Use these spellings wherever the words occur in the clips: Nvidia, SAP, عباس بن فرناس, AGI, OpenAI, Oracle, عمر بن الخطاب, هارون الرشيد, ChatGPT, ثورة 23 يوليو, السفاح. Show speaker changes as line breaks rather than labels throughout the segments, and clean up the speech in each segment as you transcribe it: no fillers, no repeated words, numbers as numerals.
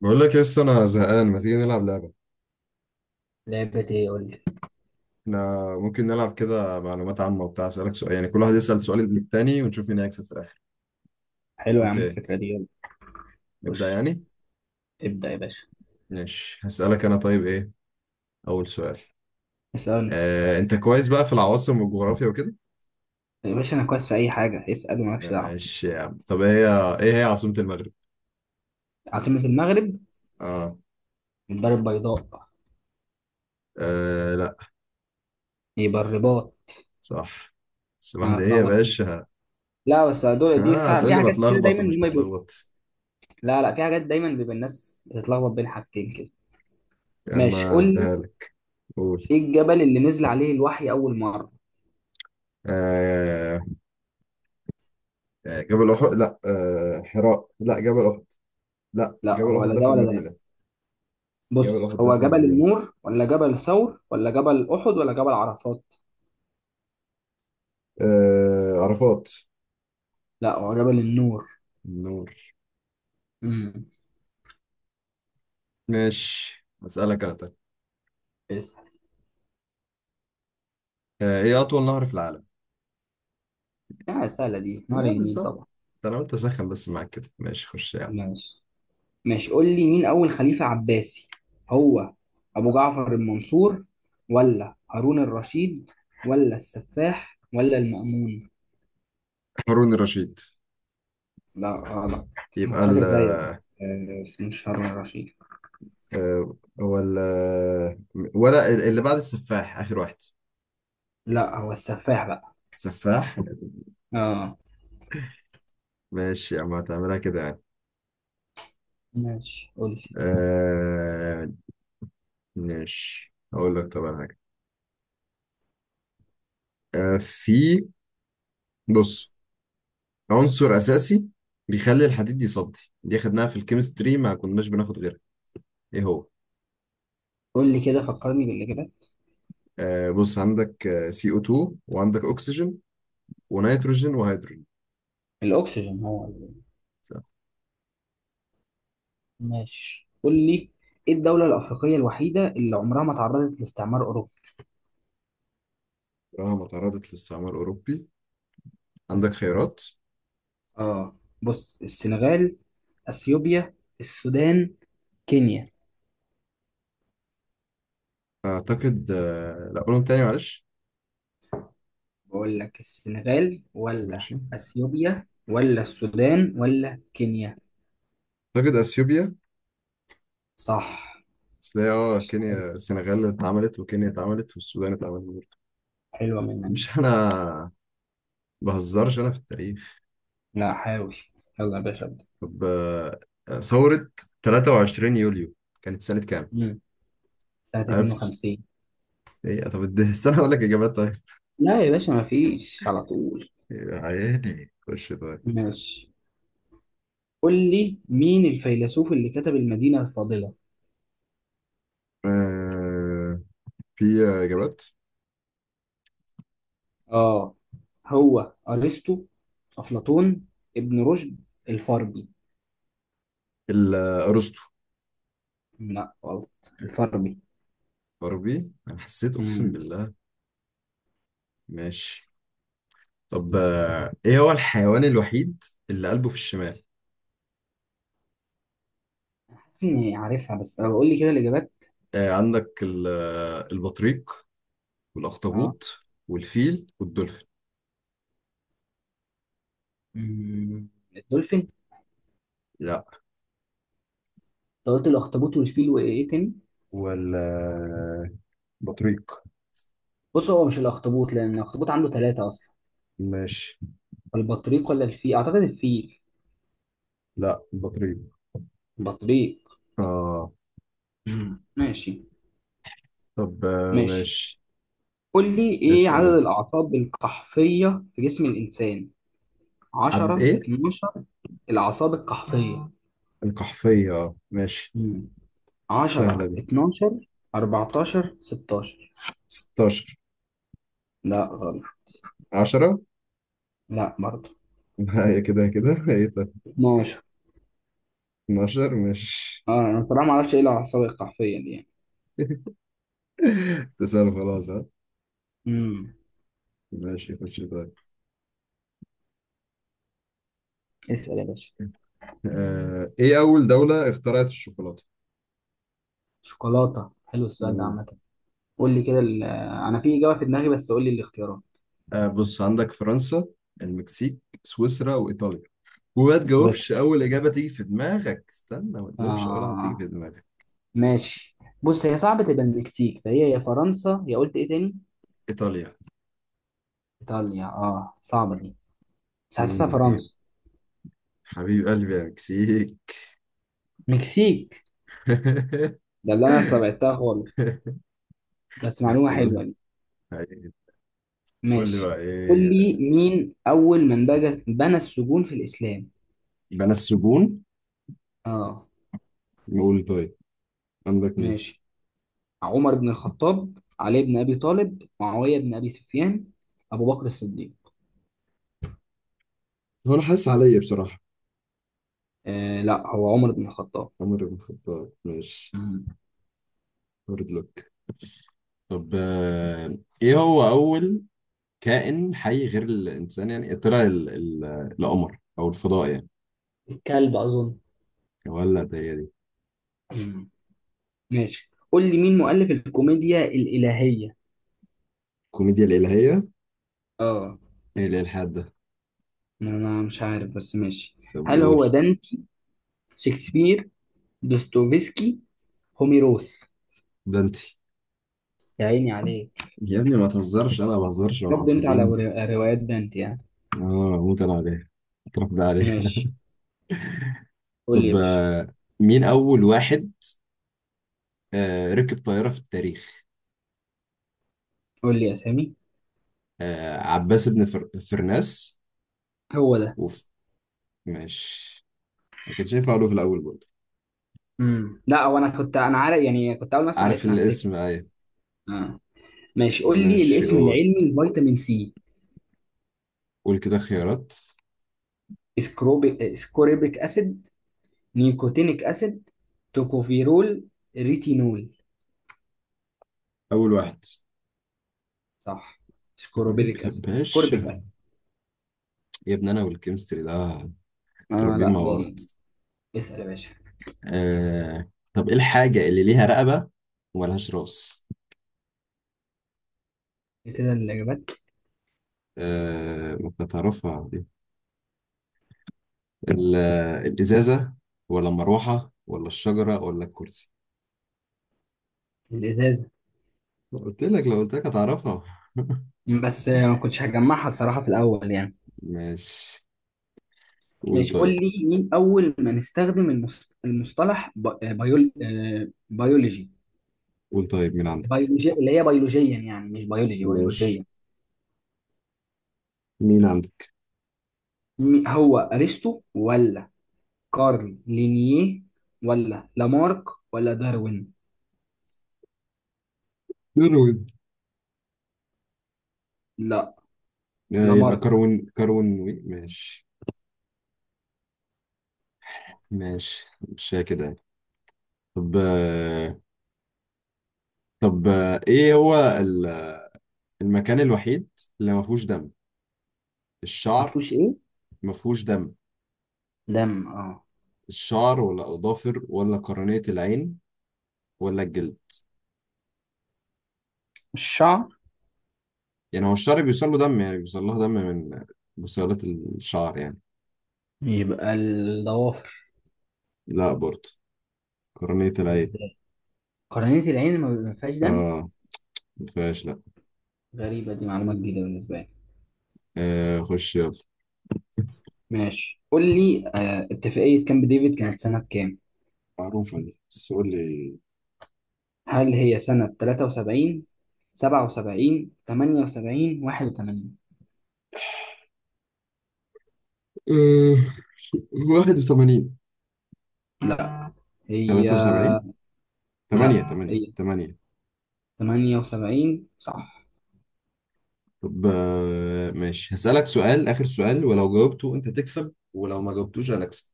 بقول لك يا اسطى، انا زهقان، ما تيجي نلعب لعبه؟
لعبة ايه؟ قول لي.
احنا ممكن نلعب كده معلومات عامه وبتاع، اسالك سؤال يعني، كل واحد يسال سؤال للتاني ونشوف مين هيكسب في الاخر.
حلو يا
قلت
عم
ايه؟
الفكرة دي، يلا.
نبدا
خش،
يعني.
ابدأ يا باشا.
ماشي، هسالك انا طيب، ايه اول سؤال.
اسأل
انت كويس بقى في العواصم والجغرافيا وكده؟
يا باشا، أنا كويس في أي حاجة، اسأل ومالكش دعوة.
ماشي يا عم، طب إيه هي عاصمه المغرب؟
عاصمة المغرب
اه.
الدار البيضاء،
لا.
يبقى الرباط.
صح. بس
أنا
واحده، ايه يا
هتلخبط.
باشا؟
لا بس دول دي
اه،
ساعة
تقول
في
لي
حاجات كده
بتلخبط
دايما
ومش
هما بي...
بتلخبط؟
لا، لا، في حاجات دايما بيبقى الناس بتتلخبط بين حاجتين كده.
يا عم،
ماشي، قول لي،
عديها لك. قول.
إيه الجبل اللي نزل عليه الوحي أول مرة؟
آه. جبل أحد، لا حراء، لا جبل أحد. لا،
لا،
جبل أحد
ولا
ده
ده
في
ولا ده.
المدينة. جبل
بص،
أحد ده
هو
في
جبل
المدينة.
النور ولا جبل ثور ولا جبل أحد ولا جبل عرفات؟
عرفات.
لا، هو جبل النور.
نور.
امم
ماشي، أسألك أنا طيب. إيه أطول نهر في العالم؟
لا سهلة دي، نهر
لا،
النيل
بالظبط.
طبعا.
ده أنا قلت أسخن بس معاك كده، ماشي خش يعني.
ماشي. ماشي قول لي، مين أول خليفة عباسي؟ هو أبو جعفر المنصور ولا هارون الرشيد ولا السفاح ولا المأمون؟
هارون الرشيد.
لا غلط. هو
يبقى
فاكر
ال...
زيك. بس مش هارون الرشيد.
هو ال، ولا اللي بعد السفاح آخر واحد؟
لا، هو السفاح بقى.
السفاح.
اه.
ماشي يا عم، هتعملها كده يعني.
ماشي قول لي.
آه. ماشي، هقول لك طبعا حاجة. في. بص، عنصر أساسي بيخلي الحديد يصدي، دي خدناها في الكيمستري ما كناش بناخد غيرها، إيه هو؟
قول لي كده، فكرني بالإجابات.
بص، عندك سي او 2 وعندك أكسجين ونيتروجين وهيدروجين.
الأكسجين هو ال-.
صح.
ماشي قول لي، إيه الدولة الأفريقية الوحيدة اللي عمرها ما تعرضت لاستعمار أوروبي؟
رغم تعرضت للاستعمار الأوروبي. عندك خيارات؟
اه بص، السنغال، اثيوبيا، السودان، كينيا.
أعتقد، لا، قولهم تاني معلش.
بقول لك السنغال ولا
ماشي.
اثيوبيا ولا السودان ولا كينيا؟
أعتقد أثيوبيا.
صح.
بس هي،
حلو-
كينيا، السنغال اتعملت وكينيا اتعملت والسودان اتعملت برضه.
حلوه منك دي.
مش أنا. بهزرش أنا في التاريخ.
لا، حاول. يلا يا باشا، ابدا.
طب، ثورة 23 يوليو كانت سنة كام؟
مم. سنه
عرفت.
52.
ايه؟ طب استنى اقول لك اجابات طيب.
لا يا باشا، ما فيش على طول.
يا عيني، خش طيب.
ماشي قول لي، مين الفيلسوف اللي كتب المدينه الفاضله؟
آه في اجابات؟
اه، هو ارسطو، افلاطون، ابن رشد، الفارابي؟
الارسطو.
لا غلط. الفارابي.
بربي، انا حسيت اقسم
امم
بالله. ماشي. طب ايه هو الحيوان الوحيد اللي قلبه في الشمال؟
حاسس اني عارفها، بس قول لي كده الاجابات.
عندك البطريق
اه.
والاخطبوط والفيل والدولفين.
مم، الدولفين انت.
لا.
قلت الاخطبوط والفيل وايه تاني؟
والبطريق.
بص هو مش الاخطبوط، لان الاخطبوط عنده ثلاثة اصلا.
ماشي.
البطريق ولا الفيل؟ اعتقد الفيل.
لا، البطريق.
البطريق.
اه.
مم. ماشي.
طب،
ماشي
ماشي.
قول لي، ايه
اسأل
عدد
انت.
الاعصاب القحفية في جسم الانسان؟
عدد
10،
ايه؟
12؟ الاعصاب القحفية.
القحفية، ماشي.
مم.
سهلة
10،
دي.
12، 14، 16؟
16.
لا غلط.
10.
لا برضه.
هي كده كده ايه طيب.
12.
12، ماشي.
اه انا بصراحه ما اعرفش ايه العصايه القحفيه دي يعني.
تسأل، خلاص ها.
امم
ماشي، خش طيب.
اسال يا باشا.
مم. ايه أول دولة اخترعت الشوكولاتة؟
شوكولاتة، حلو السؤال ده
مم.
عامة. قول لي كده ال-، انا في اجابه في دماغي بس قول لي الاختيارات.
بص، عندك فرنسا، المكسيك، سويسرا، وإيطاليا. وما
سويسرا.
تجاوبش أول إجابة تيجي في دماغك، استنى ما تجاوبش أول واحدة تيجي
آه
في دماغك.
ماشي. بص هي صعبة تبقى المكسيك، فهي يا فرنسا يا قلت ايه تاني؟
إيطاليا.
ايطاليا، اه صعبة دي، بس حاسسها
مم. ايه،
فرنسا.
حبيب قلبي يا مكسيك.
مكسيك؟ ده اللي انا استبعدتها خالص. بس معلومة
الله.
حلوة دي.
قول لي
ماشي
بقى،
قول لي،
ايه؟
مين اول من بنى السجون في الاسلام؟
بنى السجون؟
اه.
نقول طيب. عندك مين؟
ماشي. عمر بن الخطاب، علي بن أبي طالب، معاوية بن أبي سفيان، أبو بكر الصديق؟
هو انا حاسس عليا بصراحة.
لا، هو عمر بن الخطاب.
عمر بن الخطاب، ماشي.
مم.
هارد لك. طب، ايه هو اول كائن حي غير الانسان يعني، طلع القمر او الفضاء يعني؟
الكلب أظن.
ولا هي دي.
مم. ماشي قول لي، مين مؤلف الكوميديا الإلهية؟
كوميديا الالهية؟
اه
ايه اللي الحاد ده؟
انا مش عارف بس ماشي.
طب
هل
قول.
هو دانتي، شكسبير، دوستويفسكي، هوميروس؟
ده انت.
يا عيني عليك.
يا ابني، ما تهزرش، انا ما بهزرش مع
برضه انت على
الملحدين.
روايات دانتي يعني.
اه. موت انا عليه. اتربى عليه.
ماشي. قول لي يا
طب،
باشا.
مين اول واحد ركب طيارة في التاريخ؟
قول لي اسامي.
عباس بن فرناس.
هو ده.
وف... ماشي. ما كانش ينفع اقوله في الاول برضه.
مم. لا هو انا كنت، انا عارف يعني، كنت اول ما اسمع
عارف
الاسم هفتكر.
الاسم، ايوه.
آه. ماشي
طب
قول لي،
ماشي،
الاسم
قول.
العلمي لفيتامين سي.
قول كده خيارات.
اسكوربيك اسيد، نيكوتينيك اسيد، توكوفيرول، ريتينول؟
اول واحد.
صح. اسكوربيك
يا
اسيد، اسكوربيك
باشا.
اسيد.
يا ابني، انا والكيمستري ده متربيين
لا
مع بعض.
باين. اسأل يا باشا.
طب ايه الحاجة اللي ليها رقبة وملهاش راس؟
إيه كده الإجابات؟
ما أنت تعرفها دي. ال... الازازة، ولا المروحة ولا الشجرة ولا الكرسي؟
الإزازة.
قلت لك، لو قلت لك هتعرفها.
بس ما كنتش هجمعها الصراحة في الأول يعني.
ماشي. قول
ماشي قول
طيب.
لي، مين أول من استخدم المصطلح بيولوجي.
قول طيب، مين عندك؟
بيولوجي اللي هي بيولوجيا يعني، مش بيولوجي،
ماشي،
بيولوجيا.
مين عندك؟
مين- هو أرسطو ولا كارل لينيه ولا لامارك ولا داروين؟
كروين.
لا،
يبقى
لامارك.
كروين، كروين وي، ماشي. ماشي، مش كده يعني. طب آه طب ايه هو المكان الوحيد اللي ما فيهوش دم.
ما
الشعر.
فيهوش ايه؟
ما فيهوش دم.
دم، اه.
الشعر ولا اظافر ولا قرنية العين ولا الجلد؟
الشعر.
يعني هو الشعر بيوصل له دم، يعني بيوصل لها دم من بصيلات الشعر يعني.
يبقى الضوافر.
لا برضه. قرنية العين.
ازاي؟ قرنية العين ما فيهاش دم.
اه. ما فيهاش، لا.
غريبة دي، معلومات جديدة بالنسبة لي.
خش يلا.
ماشي قول لي آه، اتفاقية كامب ديفيد كانت سنة كام؟
معروفة دي، بس قول لي.
هل هي سنة 73، 77، 78، 81؟
أه... 81.
لا هي،
73. 8
لا
8
هي
8.
78، صح.
طب، ماشي، هسألك سؤال، آخر سؤال، ولو جاوبته أنت تكسب ولو ما جاوبتوش أنا أكسب.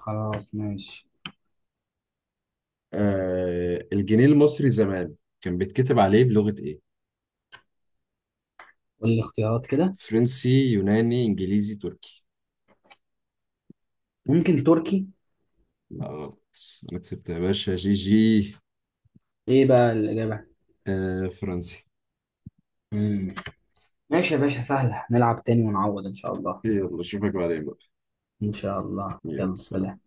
خلاص ماشي.
الجنيه المصري زمان كان بيتكتب عليه بلغة إيه؟
قول لي اختيارات كده.
فرنسي، يوناني، إنجليزي، تركي؟
ممكن تركي.
لا غلط. أنا كسبت يا باشا، جي جي.
ايه بقى الاجابه؟
فرنسي.
مم. ماشي يا باشا، سهله، نلعب تاني ونعوض ان شاء الله.
يلا، أشوفك بعدين بقى.
ان شاء الله،
يلا،
يلا
سلام.
سلام.